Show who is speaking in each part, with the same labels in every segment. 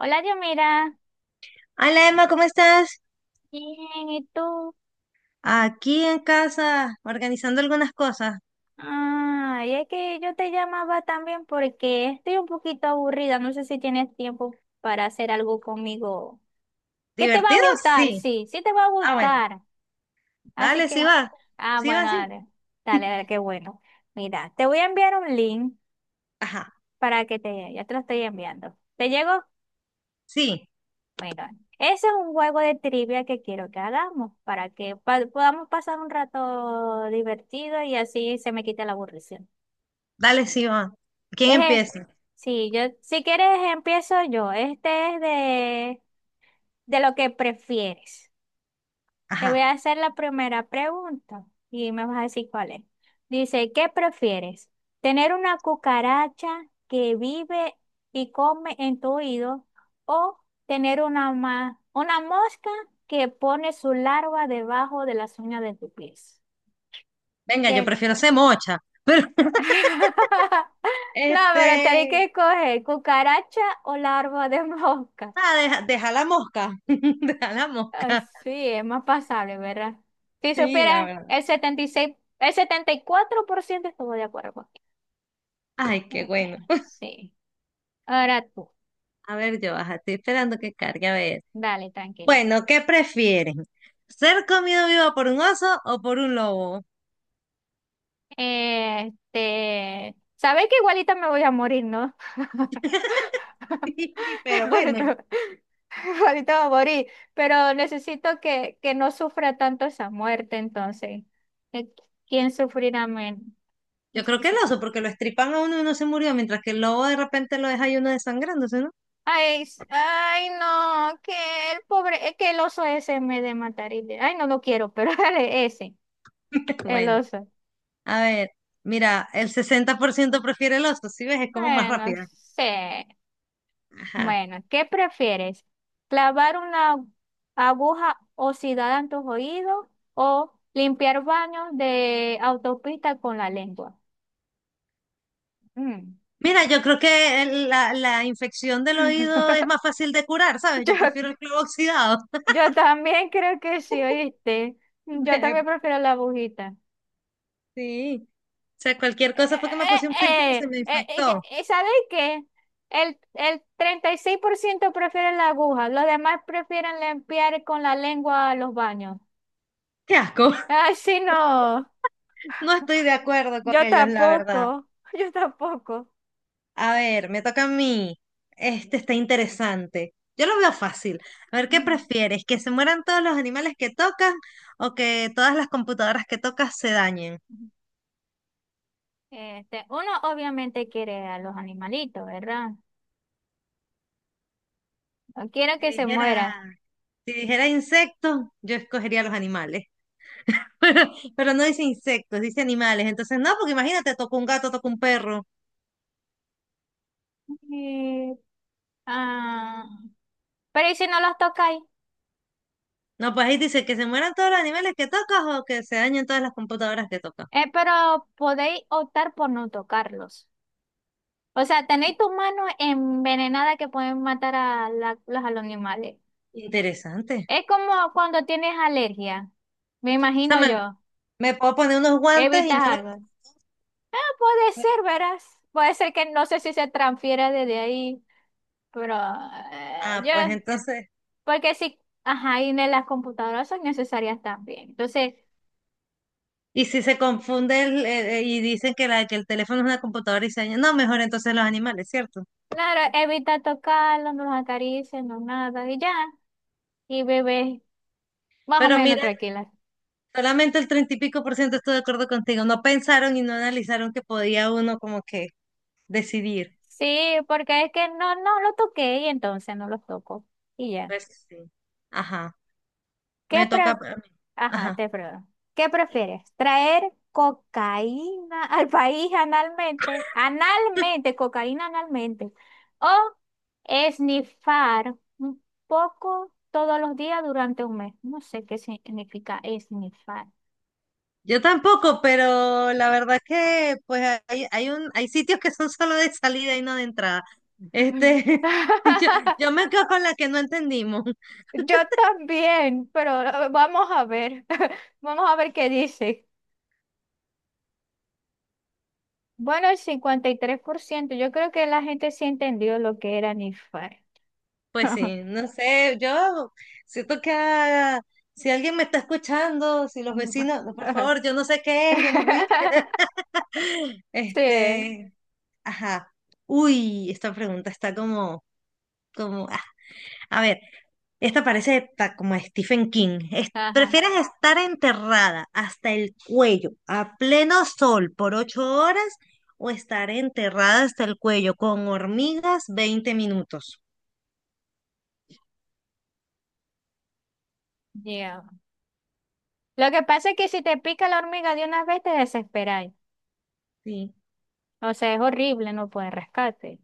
Speaker 1: Hola, Yomira.
Speaker 2: Hola, Emma, ¿cómo estás?
Speaker 1: Bien, ¿y tú?
Speaker 2: Aquí en casa, organizando algunas cosas.
Speaker 1: Y es que yo te llamaba también porque estoy un poquito aburrida. No sé si tienes tiempo para hacer algo conmigo. ¿Qué te va
Speaker 2: ¿Divertido?
Speaker 1: a gustar?
Speaker 2: Sí.
Speaker 1: Sí, sí te va a
Speaker 2: Ah, bueno,
Speaker 1: gustar. Así
Speaker 2: dale, sí
Speaker 1: que,
Speaker 2: va.
Speaker 1: ah,
Speaker 2: Sí va,
Speaker 1: bueno,
Speaker 2: sí.
Speaker 1: dale, dale, dale, qué bueno. Mira, te voy a enviar un link
Speaker 2: Ajá,
Speaker 1: para ya te lo estoy enviando. ¿Te llegó?
Speaker 2: sí,
Speaker 1: Bueno, ese es un juego de trivia que quiero que hagamos para que podamos pasar un rato divertido y así se me quite la aburrición.
Speaker 2: dale, sí va. ¿Quién
Speaker 1: Eje,
Speaker 2: empieza?
Speaker 1: sí, yo, si quieres empiezo yo. Este es de lo que prefieres. Te voy
Speaker 2: Ajá.
Speaker 1: a hacer la primera pregunta y me vas a decir cuál es. Dice, ¿qué prefieres? ¿Tener una cucaracha que vive y come en tu oído o tener una mosca que pone su larva debajo de las uñas de tu pies?
Speaker 2: Venga, yo
Speaker 1: ¿Qué?
Speaker 2: prefiero ser mocha. Pero,
Speaker 1: No, pero tenés que
Speaker 2: este,
Speaker 1: escoger cucaracha o larva de mosca.
Speaker 2: deja la mosca. Deja la mosca.
Speaker 1: Así es más pasable, ¿verdad? Si
Speaker 2: Sí, la
Speaker 1: supieras,
Speaker 2: verdad.
Speaker 1: el 76, el 74% estuvo de acuerdo contigo.
Speaker 2: Ay, qué
Speaker 1: Bueno,
Speaker 2: bueno.
Speaker 1: bien, sí. Ahora tú,
Speaker 2: A ver, yo baja, estoy esperando que cargue a ver.
Speaker 1: dale, tranquila.
Speaker 2: Bueno, ¿qué prefieren? ¿Ser comido vivo por un oso o por un lobo?
Speaker 1: Sabes que igualita me voy a morir, ¿no?
Speaker 2: Pero bueno.
Speaker 1: Igualita, igualita voy a morir, pero necesito que no sufra tanto esa muerte, entonces. Eh, ¿Quién sufrirá menos?
Speaker 2: Yo creo que el oso, porque lo estripan a uno y uno se murió, mientras que el lobo de repente lo deja y uno desangrándose, ¿no?
Speaker 1: Ay, no, que el pobre, es que el oso ese me de matar ay, no lo quiero, pero dale ese, el
Speaker 2: Bueno,
Speaker 1: oso.
Speaker 2: a ver, mira, el 60% prefiere el oso. ¿Sí ves? Es como más
Speaker 1: Bueno, no
Speaker 2: rápida.
Speaker 1: sé.
Speaker 2: Ajá.
Speaker 1: Bueno, ¿qué prefieres? ¿Clavar una aguja oxidada en tus oídos o limpiar baños de autopista con la lengua? Mm.
Speaker 2: Mira, yo creo que la infección del oído es más fácil de curar, ¿sabes?
Speaker 1: Yo,
Speaker 2: Yo prefiero el clavo oxidado.
Speaker 1: yo también creo que sí, oíste. Yo también prefiero la agujita.
Speaker 2: Sí. O sea, cualquier
Speaker 1: Eh,
Speaker 2: cosa fue que me puse un piercing y
Speaker 1: eh, eh,
Speaker 2: se me
Speaker 1: eh,
Speaker 2: infectó.
Speaker 1: ¿Sabes qué? El 36% prefieren la aguja, los demás prefieren limpiar con la lengua los baños.
Speaker 2: Qué asco.
Speaker 1: Ay, sí, no.
Speaker 2: No estoy de acuerdo con
Speaker 1: Yo
Speaker 2: ellos, la verdad.
Speaker 1: tampoco. Yo tampoco.
Speaker 2: A ver, me toca a mí. Este está interesante. Yo lo veo fácil. A ver, ¿qué
Speaker 1: Ujú,
Speaker 2: prefieres? ¿Que se mueran todos los animales que tocas o que todas las computadoras que tocas se dañen?
Speaker 1: ujú. Este, uno obviamente quiere a los animalitos, ¿verdad? No quiero
Speaker 2: Si
Speaker 1: que se
Speaker 2: dijera,
Speaker 1: mueran.
Speaker 2: si dijera insectos, yo escogería los animales. Pero no dice insectos, dice animales. Entonces, no, porque imagínate, toco un gato, toco un perro.
Speaker 1: Eh, ah, pero ¿y si no los tocáis?
Speaker 2: No, pues ahí dice que se mueran todos los animales que tocas o que se dañen todas las computadoras que tocas.
Speaker 1: Pero podéis optar por no tocarlos. O sea, tenéis tus manos envenenadas que pueden matar a los animales.
Speaker 2: Interesante.
Speaker 1: Es como cuando tienes alergia, me
Speaker 2: O sea,
Speaker 1: imagino
Speaker 2: me,
Speaker 1: yo.
Speaker 2: me puedo poner unos guantes y
Speaker 1: Evitas
Speaker 2: no los...
Speaker 1: algo. Ah, puede ser, verás. Puede ser que no sé si se transfiera desde ahí, pero eh,
Speaker 2: Ah,
Speaker 1: yo,
Speaker 2: pues entonces...
Speaker 1: porque sí, ajá, y en las computadoras son necesarias también. Entonces,
Speaker 2: Y si se confunde y dicen que el teléfono es una computadora y se daña, no, mejor entonces los animales, ¿cierto?
Speaker 1: claro, evita tocarlo, no los acaricias, no nada, y ya, y bebé, más o
Speaker 2: Pero
Speaker 1: menos
Speaker 2: mira,
Speaker 1: tranquila.
Speaker 2: solamente el treinta y pico por ciento estoy de acuerdo contigo. No pensaron y no analizaron que podía uno como que decidir.
Speaker 1: Sí, porque es que no lo toqué y entonces no los toco, y ya.
Speaker 2: Pues sí. Ajá.
Speaker 1: ¿Qué,
Speaker 2: Me toca a
Speaker 1: pre-
Speaker 2: mí.
Speaker 1: ajá,
Speaker 2: Ajá.
Speaker 1: te pregunto. ¿Qué prefieres? ¿Traer cocaína al país analmente? Analmente, cocaína analmente. ¿O esnifar un poco todos los días durante un mes? No sé qué significa esnifar.
Speaker 2: Yo tampoco, pero la verdad que pues hay sitios que son solo de salida y no de entrada. Este, yo, yo me quedo con la que no entendimos.
Speaker 1: Yo también, pero vamos a ver, vamos a ver qué dice. Bueno, el 53%. Yo creo que la gente sí entendió lo que era nifar.
Speaker 2: Pues sí, no sé, yo siento que si alguien me está escuchando, si los vecinos, no, por favor, yo no sé qué es, yo no fui.
Speaker 1: Sí.
Speaker 2: Este, ajá. Uy, esta pregunta está como, a ver, esta parece como a Stephen King.
Speaker 1: Ajá,
Speaker 2: ¿Prefieres estar enterrada hasta el cuello a pleno sol por 8 horas o estar enterrada hasta el cuello con hormigas 20 minutos?
Speaker 1: ya. Lo que pasa es que si te pica la hormiga de una vez te desesperáis.
Speaker 2: Sí.
Speaker 1: O sea, es horrible, no puedes rescate.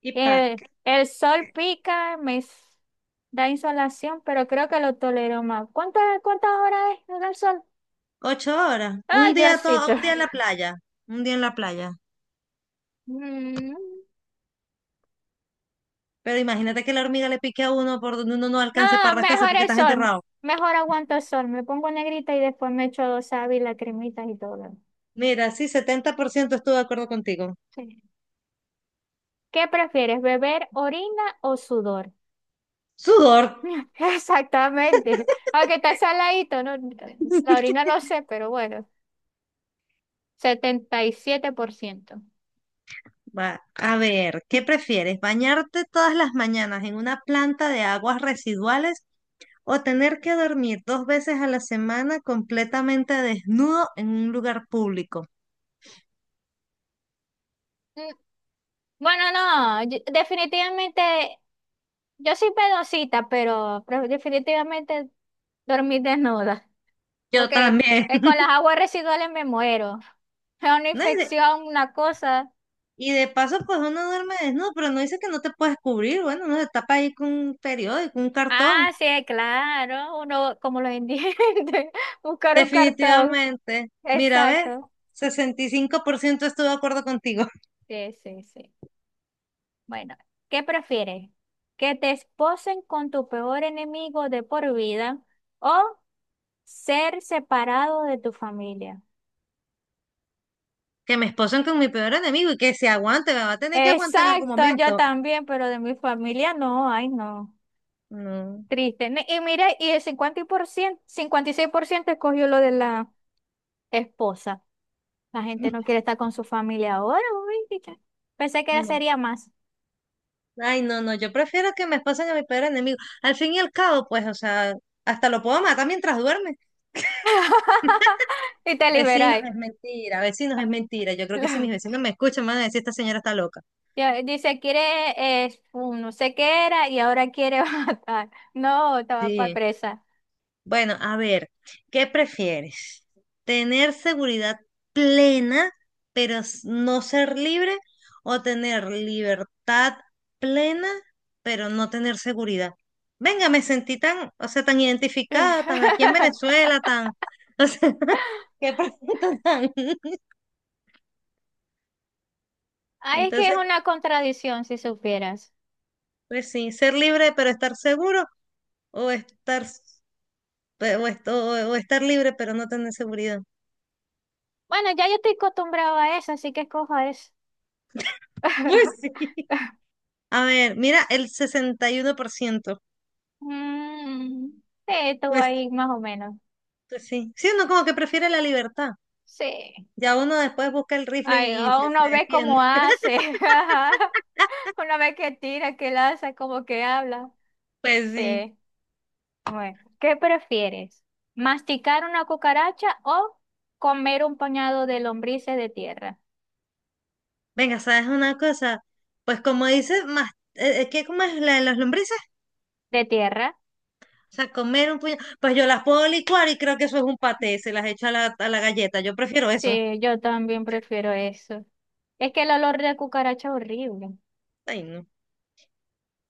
Speaker 2: ¿Y para...?
Speaker 1: El sol pica, da insolación, pero creo que lo tolero más. ¿Cuántas, cuántas horas es el sol?
Speaker 2: 8 horas. Un
Speaker 1: Ay,
Speaker 2: día
Speaker 1: Diosito.
Speaker 2: todo, un día en la playa. Un día en la playa.
Speaker 1: Mm,
Speaker 2: Pero imagínate que la hormiga le pique a uno por donde uno no
Speaker 1: no,
Speaker 2: alcance para rascarse
Speaker 1: mejor
Speaker 2: porque
Speaker 1: el
Speaker 2: estás
Speaker 1: sol.
Speaker 2: enterrado.
Speaker 1: Mejor aguanto el sol. Me pongo negrita y después me echo dos sábanas, cremitas y todo.
Speaker 2: Mira, sí, 70% estuve de acuerdo contigo.
Speaker 1: Sí. ¿Qué prefieres, beber orina o sudor?
Speaker 2: Sudor.
Speaker 1: Exactamente. Aunque está saladito, ¿no? La orina no sé, pero bueno, 77%.
Speaker 2: Va, a ver, ¿qué prefieres? ¿Bañarte todas las mañanas en una planta de aguas residuales o tener que dormir dos veces a la semana completamente desnudo en un lugar público?
Speaker 1: Mm, bueno, no, yo- definitivamente, yo soy pedosita, pero definitivamente dormí desnuda,
Speaker 2: Yo
Speaker 1: porque
Speaker 2: también.
Speaker 1: con las aguas residuales me muero. Es una
Speaker 2: No,
Speaker 1: infección, una cosa.
Speaker 2: Y de paso, pues uno duerme desnudo, pero no dice que no te puedes cubrir. Bueno, uno se tapa ahí con un periódico, un cartón.
Speaker 1: Ah, sí, claro, uno como los indigentes, buscar un cartón.
Speaker 2: Definitivamente. Mira, ves,
Speaker 1: Exacto.
Speaker 2: 65% estoy de acuerdo contigo.
Speaker 1: Sí, sí, sí. Bueno, ¿qué prefieres? ¿Que te esposen con tu peor enemigo de por vida o ser separado de tu familia?
Speaker 2: Que me esposen con mi peor enemigo y que se aguante, me va a tener que aguantar en algún
Speaker 1: Exacto, yo
Speaker 2: momento.
Speaker 1: también, pero de mi familia no, ay no,
Speaker 2: No,
Speaker 1: triste. Y mira, y el cincuenta por ciento cincuenta y seis por ciento escogió lo de la esposa. La gente no quiere estar con su familia ahora, uy, chica. Pensé que
Speaker 2: no.
Speaker 1: sería más.
Speaker 2: Ay, no, no, yo prefiero que me esposen a mi peor enemigo. Al fin y al cabo, pues, o sea, hasta lo puedo matar mientras duerme.
Speaker 1: Y te
Speaker 2: Vecinos,
Speaker 1: liberáis.
Speaker 2: es mentira, vecinos, es mentira. Yo creo que si mis vecinos me escuchan, van a decir, esta señora está loca.
Speaker 1: Ya, dice, un no sé qué era y ahora quiere matar. No, estaba
Speaker 2: Sí.
Speaker 1: presa.
Speaker 2: Bueno, a ver, ¿qué prefieres? ¿Tener seguridad plena, pero no ser libre? ¿O tener libertad plena, pero no tener seguridad? Venga, me sentí tan, o sea, tan identificada, tan aquí en Venezuela, tan, o sea, qué pregunta tan.
Speaker 1: Ay, es que es
Speaker 2: Entonces,
Speaker 1: una contradicción, si supieras.
Speaker 2: pues sí, ser libre pero estar seguro o estar, s- pe- o, est- o estar libre pero no tener seguridad.
Speaker 1: Bueno, ya yo estoy acostumbrado a eso, así que escojo eso.
Speaker 2: Pues sí. A ver, mira, el 61%.
Speaker 1: Mm, sí, estuvo
Speaker 2: Pues,
Speaker 1: ahí más o menos.
Speaker 2: pues sí. Sí, uno como que prefiere la libertad.
Speaker 1: Sí.
Speaker 2: Ya uno después busca el rifle
Speaker 1: Ay,
Speaker 2: y se
Speaker 1: uno ve
Speaker 2: defiende.
Speaker 1: cómo hace. Uno ve que tira, que lanza, como que habla.
Speaker 2: Pues sí.
Speaker 1: Sí. Bueno, ¿qué prefieres? ¿Masticar una cucaracha o comer un pañado de lombrices de tierra?
Speaker 2: Venga, ¿sabes una cosa? Pues como dice, más, ¿qué como es la de las lombrices?
Speaker 1: ¿De tierra?
Speaker 2: O sea, comer un puño. Pues yo las puedo licuar y creo que eso es un paté, se las echo a la galleta. Yo prefiero eso.
Speaker 1: Sí, yo también prefiero eso. Es que el olor de cucaracha es horrible.
Speaker 2: Ay, no.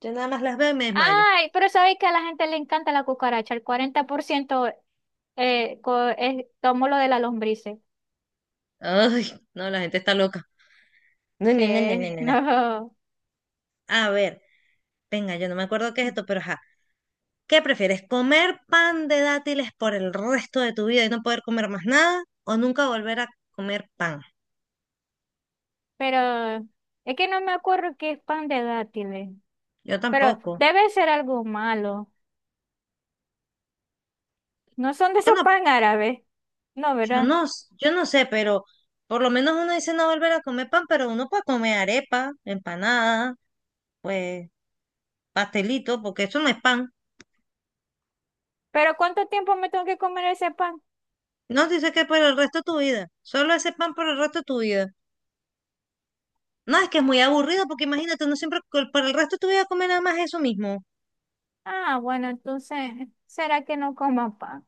Speaker 2: Yo nada más las veo y me desmayo.
Speaker 1: Ay, pero sabéis que a la gente le encanta la cucaracha. El cuarenta por ciento tomó lo de la lombrices.
Speaker 2: Ay, no, la gente está loca. No, no, no, no, no,
Speaker 1: Sí,
Speaker 2: no, no.
Speaker 1: no.
Speaker 2: A ver, venga, yo no me acuerdo qué es esto, pero ajá. ¿Qué prefieres? ¿Comer pan de dátiles por el resto de tu vida y no poder comer más nada? ¿O nunca volver a comer pan?
Speaker 1: Pero es que no me acuerdo qué es pan de dátiles.
Speaker 2: Yo
Speaker 1: Pero
Speaker 2: tampoco.
Speaker 1: debe ser algo malo. No son de esos
Speaker 2: Bueno,
Speaker 1: pan árabes. No, ¿verdad?
Speaker 2: yo no sé, pero por lo menos uno dice no volver a comer pan, pero uno puede comer arepa, empanada, pues pastelito, porque eso no es pan.
Speaker 1: Pero ¿cuánto tiempo me tengo que comer ese pan?
Speaker 2: No dice que por el resto de tu vida. Solo ese pan por el resto de tu vida. No, es que es muy aburrido, porque imagínate, uno siempre por el resto de tu vida comer nada más eso mismo.
Speaker 1: Ah, bueno, entonces, ¿será que no coman pan?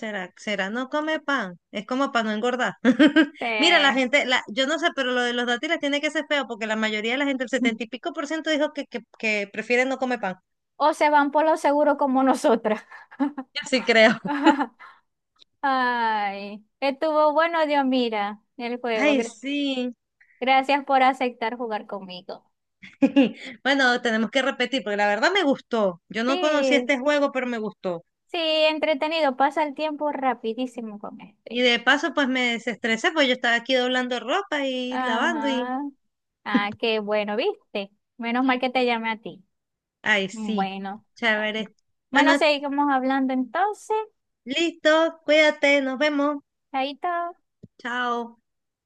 Speaker 2: ¿Será no come pan? Es como para no engordar. Mira, la
Speaker 1: Eh,
Speaker 2: gente, yo no sé, pero lo de los dátiles tiene que ser feo porque la mayoría de la gente, el setenta y pico por ciento, dijo que prefiere no comer pan.
Speaker 1: O se van por lo seguro como nosotras.
Speaker 2: Yo sí creo.
Speaker 1: Ay, estuvo bueno, Dios, mira, el juego.
Speaker 2: Ay, sí.
Speaker 1: Gracias por aceptar jugar conmigo.
Speaker 2: Bueno, tenemos que repetir porque la verdad me gustó. Yo no conocía
Speaker 1: Sí,
Speaker 2: este juego, pero me gustó.
Speaker 1: sí, entretenido. Pasa el tiempo rapidísimo con
Speaker 2: Y
Speaker 1: este.
Speaker 2: de paso, pues me desestresé, pues yo estaba aquí doblando ropa y lavando y...
Speaker 1: Ajá. Ah, qué bueno, ¿viste? Menos mal que te llamé a ti.
Speaker 2: Ay, sí.
Speaker 1: Bueno, ah,
Speaker 2: Chévere.
Speaker 1: bueno,
Speaker 2: Bueno,
Speaker 1: seguimos hablando entonces.
Speaker 2: listo. Cuídate. Nos vemos.
Speaker 1: Ahí está.
Speaker 2: Chao.